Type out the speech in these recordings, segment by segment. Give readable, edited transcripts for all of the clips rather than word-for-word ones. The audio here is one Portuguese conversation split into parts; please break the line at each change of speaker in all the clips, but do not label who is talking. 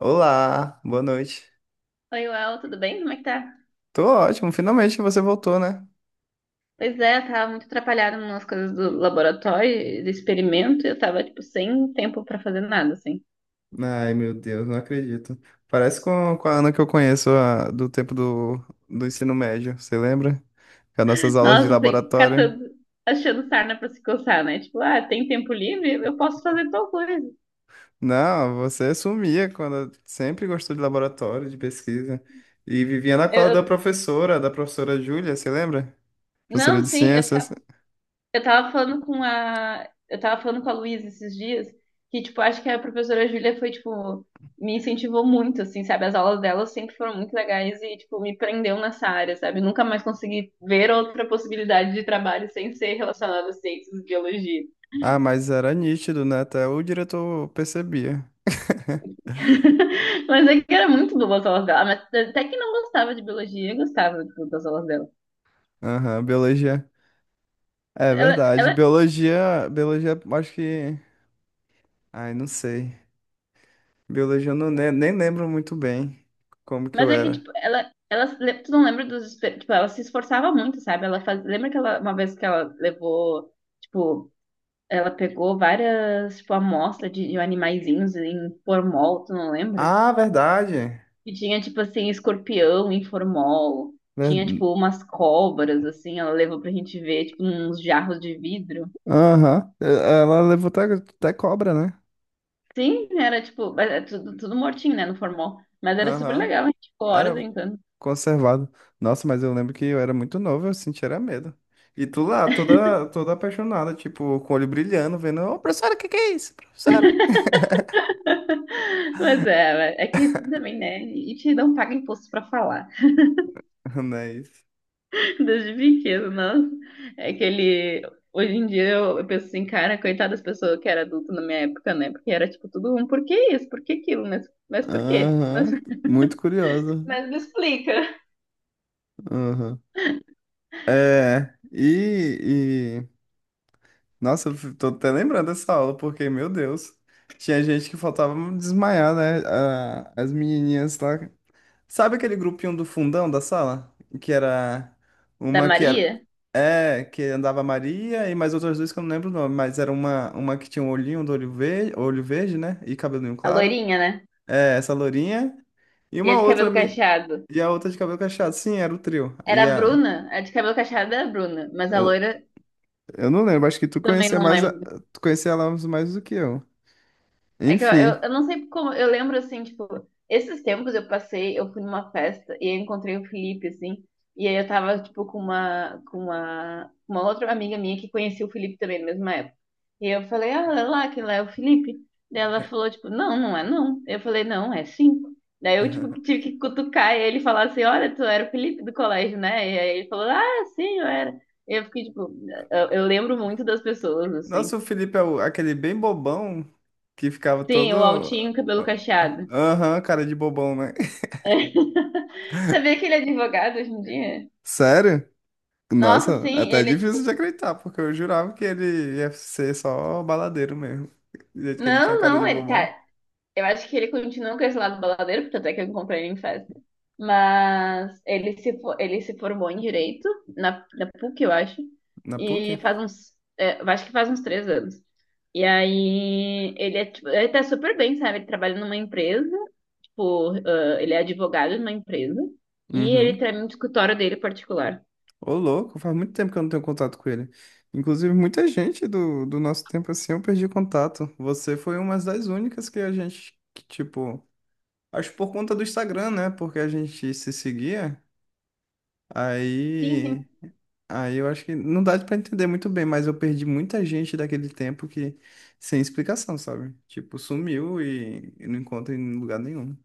Olá, boa noite.
Oi, Uel, tudo bem? Como é que tá?
Tô ótimo, finalmente você voltou, né?
Pois é, eu tava muito atrapalhada nas coisas do laboratório, do experimento, e eu tava, tipo, sem tempo pra fazer nada, assim.
Ai, meu Deus, não acredito. Parece com a Ana que eu conheço do tempo do ensino médio, você lembra? Com as nossas aulas de
Nossa, sem ficar
laboratório.
todo achando sarna pra se coçar, né? Tipo, ah, tem tempo livre? Eu posso fazer tal coisa.
Não, você sumia quando sempre gostou de laboratório, de pesquisa. E vivia na
Eu,
cola da
eu-
professora, da professora Júlia, você lembra? Professora
não,
de ciências.
Eu tava falando eu tava falando com a Luísa esses dias que, tipo, acho que a professora Júlia foi, tipo, me incentivou muito, assim, sabe? As aulas dela sempre foram muito legais e, tipo, me prendeu nessa área, sabe? Nunca mais consegui ver outra possibilidade de trabalho sem ser relacionada a ciências e biologia.
Ah, mas era nítido, né? Até o diretor percebia.
Mas é que era muito boa as aulas dela, mas até que não gostava de biologia, eu gostava, tipo, das aulas dela.
Aham, biologia. É
Ela,
verdade.
ela
Biologia, biologia, acho que. Ai, não sei. Biologia eu não, nem lembro muito bem como que eu
Mas é que,
era.
tipo, tu não lembra tipo, ela se esforçava muito, sabe? Ela faz, lembra que ela, uma vez que ela levou, tipo, ela pegou várias, tipo, amostras de animaizinhos em formol, tu não lembra?
Ah, verdade.
E tinha, tipo, assim, escorpião em formol,
Ver-
tinha, tipo, umas cobras, assim, ela levou pra gente ver, tipo, uns jarros de vidro.
Aham. Ela levou até cobra, né?
Sim, era, tipo, é tudo, tudo mortinho, né, no formol. Mas era super
Aham.
legal, a gente ficou horas
Era
brincando.
conservado. Nossa, mas eu lembro que eu era muito novo, eu sentia era medo. E tu lá, toda, toda apaixonada, tipo, com o olho brilhando, vendo, ô, professora, o que que é isso? Professora?
Mas é, é que também, né? A gente não paga imposto pra falar.
Não é isso.
Desde pequeno, nossa. É que ele. Hoje em dia eu penso assim, cara, coitada das pessoas que era adulto na minha época, né? Porque era tipo tudo um, por que isso? Por que aquilo? Mas por quê?
Aham. Muito curiosa.
Mas me explica.
Aham. É, nossa, eu tô até lembrando dessa aula, porque, meu Deus, tinha gente que faltava desmaiar, né? As menininhas lá. Sabe aquele grupinho do fundão da sala? Que era
Da
uma que era.
Maria,
É, que andava a Maria e mais outras duas que eu não lembro o nome, mas era uma, que tinha um olhinho do olho verde, né? E cabelinho
a
claro.
loirinha, né?
É, essa lourinha. E
E a
uma
de
outra.
cabelo cacheado.
E a outra de cabelo cacheado. Sim, era o trio.
Era
E
a
a.
Bruna. A de cabelo cacheado era a Bruna. Mas a loira
Eu não lembro, acho que tu
também
conhecia
não
mais,
lembro.
tu conhecia ela mais do que eu.
É que eu, eu,
Enfim.
eu não sei como, eu lembro assim, tipo, esses tempos eu passei, eu fui numa festa e eu encontrei o Felipe, assim, e aí eu tava, tipo, uma outra amiga minha que conhecia o Felipe também na mesma época. E eu falei, ah, olha lá, que lá é o Felipe. Daí ela falou, tipo, não, não é não. Eu falei, não, é sim. Daí eu, tipo, tive que cutucar ele e falar assim, olha, tu era o Felipe do colégio, né? E aí ele falou, ah, sim, eu era. E eu fiquei, tipo, eu lembro muito das pessoas,
Nossa,
assim.
o Felipe é aquele bem bobão que ficava
Sim,
todo.
o altinho, cabelo cacheado.
Aham, cara de bobão, né?
Sabia que ele é advogado hoje em dia?
Sério?
Nossa,
Nossa, é
sim,
até é
ele é
difícil de
tipo.
acreditar, porque eu jurava que ele ia ser só baladeiro mesmo. Do jeito que ele tinha
Não,
cara de
não, ele
bobão.
tá. Eu acho que ele continua com esse lado baladeiro, porque até que eu encontrei ele em festa. Mas ele se, fo- ele se formou em direito, na PUC, eu acho,
Na
e
PUC?
faz uns. É, eu acho que faz uns três anos. E aí, ele é, tipo, ele tá super bem, sabe? Ele trabalha numa empresa, tipo, ah, ele é advogado numa empresa, e ele
Uhum.
tem um escritório dele particular.
Ô, louco, faz muito tempo que eu não tenho contato com ele. Inclusive, muita gente do nosso tempo assim eu perdi contato. Você foi uma das únicas que a gente, que, tipo, acho por conta do Instagram, né? Porque a gente se seguia.
Sim, sim.
Aí, aí, eu acho que não dá pra entender muito bem, mas eu perdi muita gente daquele tempo que, sem explicação, sabe? Tipo, sumiu e não encontro em lugar nenhum.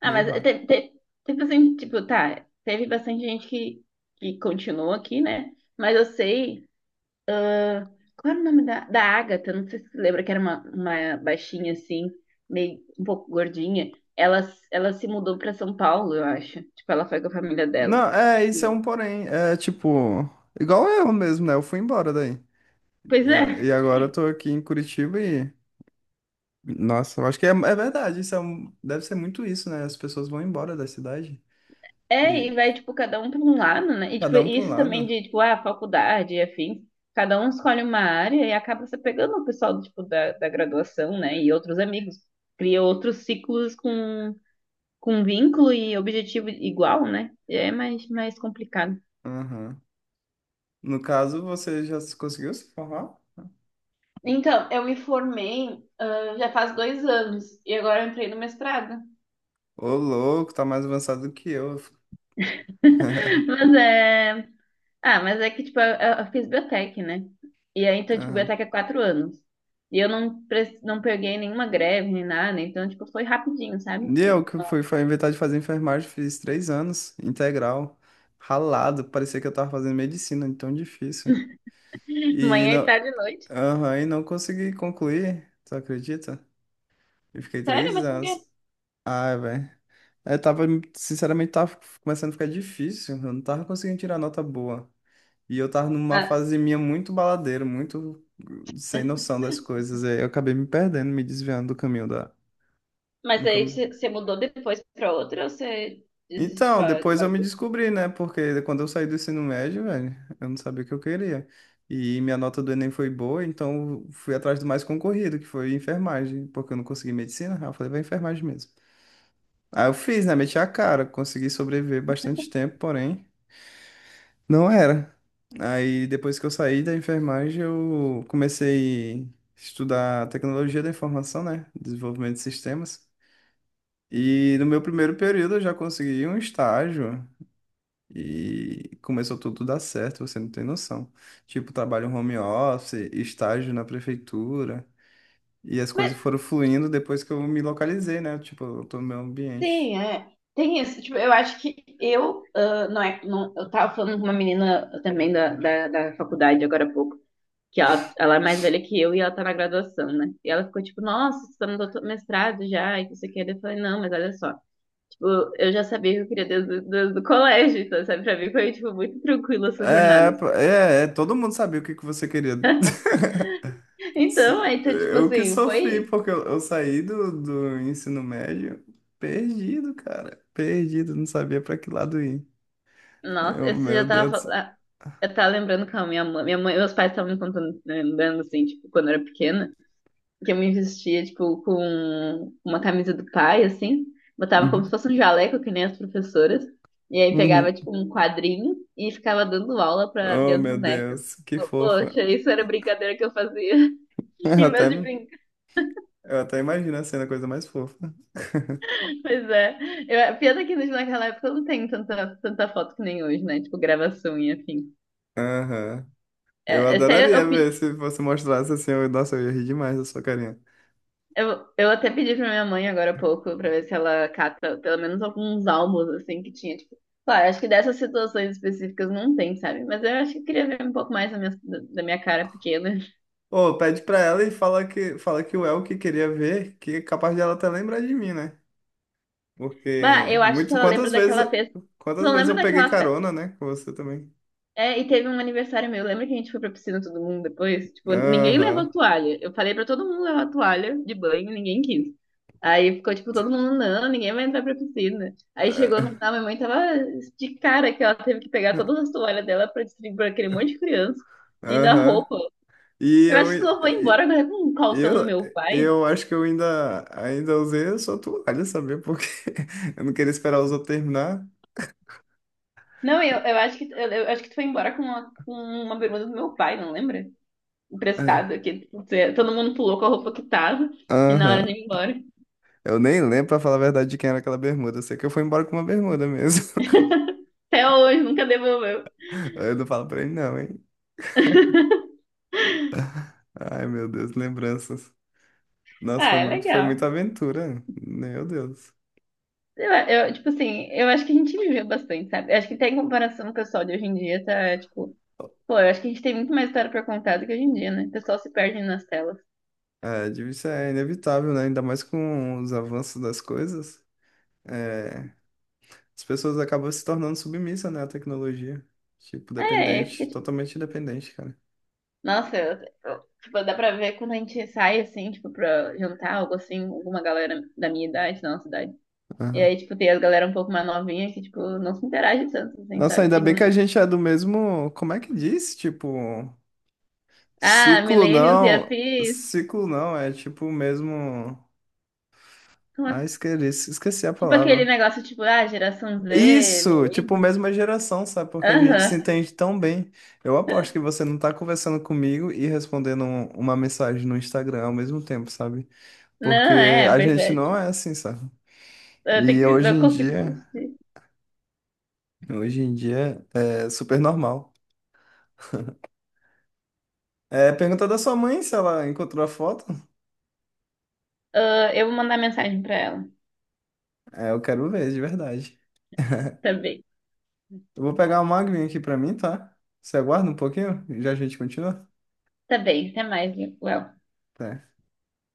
Ah,
Meio raro.
teve assim, tipo, tá, teve bastante gente que continuou aqui, né? Mas eu sei, qual era o nome da Agatha? Não sei se você lembra que era uma baixinha assim, meio um pouco gordinha. Ela se mudou pra São Paulo, eu acho. Tipo, ela foi com a família dela.
Não, isso é um
E-
porém. É tipo, igual eu mesmo, né? Eu fui embora daí.
pois
E, a-
é,
e agora eu tô aqui em Curitiba e. Nossa, eu acho que é verdade. Isso é deve ser muito isso, né? As pessoas vão embora da cidade.
É,
E
e vai, tipo, cada um para um lado, né? E, tipo,
cada um para um
isso também
lado.
de, tipo, ah, faculdade e afim cada um escolhe uma área e acaba se pegando o pessoal, tipo, da graduação, né? E outros amigos. Cria outros ciclos com vínculo e objetivo igual, né? É mais, mais complicado.
Aham. No caso, você já conseguiu se formar?
Então, eu me formei, ah, já faz dois anos e agora eu entrei no mestrado.
Ô, louco, tá mais avançado do que eu.
Mas é. Ah, mas é que, tipo, eu fiz biotec, né? E aí, então, tipo,
Aham.
biotec é quatro anos. E eu não, pre- não peguei nenhuma greve, nem nada. Né? Então, tipo, foi rapidinho, sabe?
E eu que fui inventar de fazer enfermagem, fiz três anos, integral, ralado, parecia que eu tava fazendo medicina, de tão difícil. E
Manhã e
não,
tarde e noite.
aham, e não consegui concluir, tu acredita? Eu fiquei
Sério?
três
Mas por quê?
anos. Ai, velho. Eu tava, sinceramente, tava começando a ficar difícil. Eu não tava conseguindo tirar nota boa. E eu tava numa
Ah,
fase minha muito baladeira, muito sem noção das coisas. Aí eu acabei me perdendo, me desviando do caminho da.
mas
No
aí
caminho.
você mudou depois pra outra ou você desiste só
Então, depois eu
agora?
me descobri, né? Porque quando eu saí do ensino médio, velho, eu não sabia o que eu queria. E minha nota do Enem foi boa, então eu fui atrás do mais concorrido, que foi enfermagem, porque eu não consegui medicina. Aí eu falei, vai enfermagem mesmo. Aí eu fiz, né? Meti a cara, consegui sobreviver bastante tempo, porém, não era. Aí depois que eu saí da enfermagem, eu comecei a estudar tecnologia da informação, né? Desenvolvimento de sistemas. E no meu primeiro período eu já consegui um estágio e começou tudo a dar certo, você não tem noção. Tipo, trabalho home office, estágio na prefeitura, e as
Mas
coisas foram fluindo depois que eu me localizei, né? Tipo, eu tô no meu ambiente.
tem, é. Tem isso. Tipo, eu acho que eu. Ah, não é. Não, eu tava falando com uma menina também da faculdade agora há pouco. Que ela é mais velha que eu e ela tá na graduação, né? E ela ficou tipo, nossa, você tá no doutor- mestrado já, e que você quer? Eu falei, não, mas olha só, tipo, eu já sabia que eu queria desde, desde o colégio, então, sabe, pra mim foi, tipo, muito tranquilo essas
É,
jornadas.
pô, é, todo mundo sabia o que que você queria.
Então, aí, então, tipo
Eu que
assim,
sofri,
foi,
porque eu saí do ensino médio perdido, cara. Perdido, não sabia pra que lado ir.
nossa,
Eu,
eu
meu
já tava,
Deus.
fal- ah, eu tava lembrando com a minha mãe, meus pais estavam me contando, né, lembrando, assim, tipo, quando eu era pequena, que eu me vestia, tipo, com uma camisa do pai, assim, botava como se
Uhum,
fosse um jaleco, que nem as professoras, e aí
uhum.
pegava, tipo, um quadrinho e ficava dando aula para
Oh,
minhas
meu
bonecas.
Deus, que
Pô,
fofa.
Poxa, isso era brincadeira que eu fazia,
Eu
em
até,
vez de brincar.
eu até imagino a cena, a coisa mais fofa.
Pois é. Eu, pena que naquela época eu não tenho tanta, tanta foto que nem hoje, né? Tipo, gravação e afim.
Aham. Eu
É, Até
adoraria
eu,
ver
pe-
se você mostrasse assim. Eu, nossa, eu ia rir demais da sua carinha.
Eu até pedi pra minha mãe agora há pouco pra ver se ela cata pelo menos alguns álbuns, assim, que tinha, tipo, claro, acho que dessas situações específicas não tem, sabe? Mas eu acho que eu queria ver um pouco mais da minha cara pequena.
Ô, pede pra ela e fala que o El que queria ver, que é capaz de ela até lembrar de mim, né?
Bah,
Porque
eu acho que
muito,
ela lembra
quantas vezes,
daquela festa. Você
quantas
não
vezes
lembra
eu peguei
daquela, fe-
carona, né? Com você também.
É, e teve um aniversário meu. Lembra que a gente foi pra piscina todo mundo depois? Tipo, ninguém levou
Aham.
toalha. Eu falei pra todo mundo levar toalha de banho, ninguém quis. Aí ficou tipo todo mundo, não, ninguém vai entrar pra piscina. Aí chegou no final,
É,
minha mãe tava de cara que ela teve que pegar todas as toalhas dela pra distribuir pra aquele monte de criança. E na
Aham.
roupa.
E
Eu
eu,
acho que tu não foi embora
e-
agora com um calção do
eu,
meu pai.
eu acho que eu ainda usei a sua toalha, sabia? Porque eu não queria esperar os outros terminar.
Não, eu acho que tu foi embora com uma bermuda do meu pai, não lembra?
É.
Emprestada, que tipo, todo mundo pulou com a roupa que tava e na
Aham.
hora de ir embora.
Eu nem lembro, pra falar a verdade, de quem era aquela bermuda. Eu sei que eu fui embora com uma bermuda mesmo.
Até hoje, nunca devolveu.
Eu não falo pra ele, não, hein? Ai, meu Deus, lembranças. Nossa,
Ah,
foi
é
muito, foi muita
legal.
aventura. Meu Deus.
Tipo assim, eu acho que a gente viveu bastante, sabe? Eu acho que até em comparação com o pessoal de hoje em dia, tá, tipo... Pô, eu acho que a gente tem muito mais história pra contar do que hoje em dia, né? O pessoal se perde nas telas.
É, divórcio é inevitável, né? Ainda mais com os avanços das coisas. É, as pessoas acabam se tornando submissas, né, à tecnologia. Tipo,
É, aí fica
dependente,
tipo...
totalmente dependente, cara.
Nossa, tipo, dá pra ver quando a gente sai, assim, tipo, pra jantar, algo assim, alguma galera da minha idade, da nossa idade. E
Aham.
aí, tipo, tem as galera um pouco mais novinha que, tipo, não se interage tanto, assim,
Nossa,
sabe?
ainda bem
Ficam...
que a gente é do mesmo. Como é que diz? Tipo,
Ah,
ciclo
millennials e
não.
afins...
Ciclo não, é tipo o mesmo.
Como
Ah,
assim?"
esqueci a
Tipo aquele
palavra.
negócio, tipo, ah, geração Z,
Isso, tipo,
milênio.
mesma geração, sabe? Porque a gente se
Aham.
entende tão bem. Eu aposto que você não tá conversando comigo e respondendo uma mensagem no Instagram ao mesmo tempo, sabe? Porque
Não, é,
a
pois
gente
é.
não
Tipo,
é assim, sabe?
eu tenho
E
que,
hoje
eu
em
consigo
dia,
desistir.
hoje em dia é super normal. É, pergunta da sua mãe se ela encontrou a foto.
Ah, eu vou mandar mensagem pra ela.
É, eu quero ver, de verdade.
Tá bem.
Eu vou pegar uma aguinha aqui pra mim, tá? Você aguarda um pouquinho? Já a gente continua?
Tá bem, até mais, Léo.
Tá.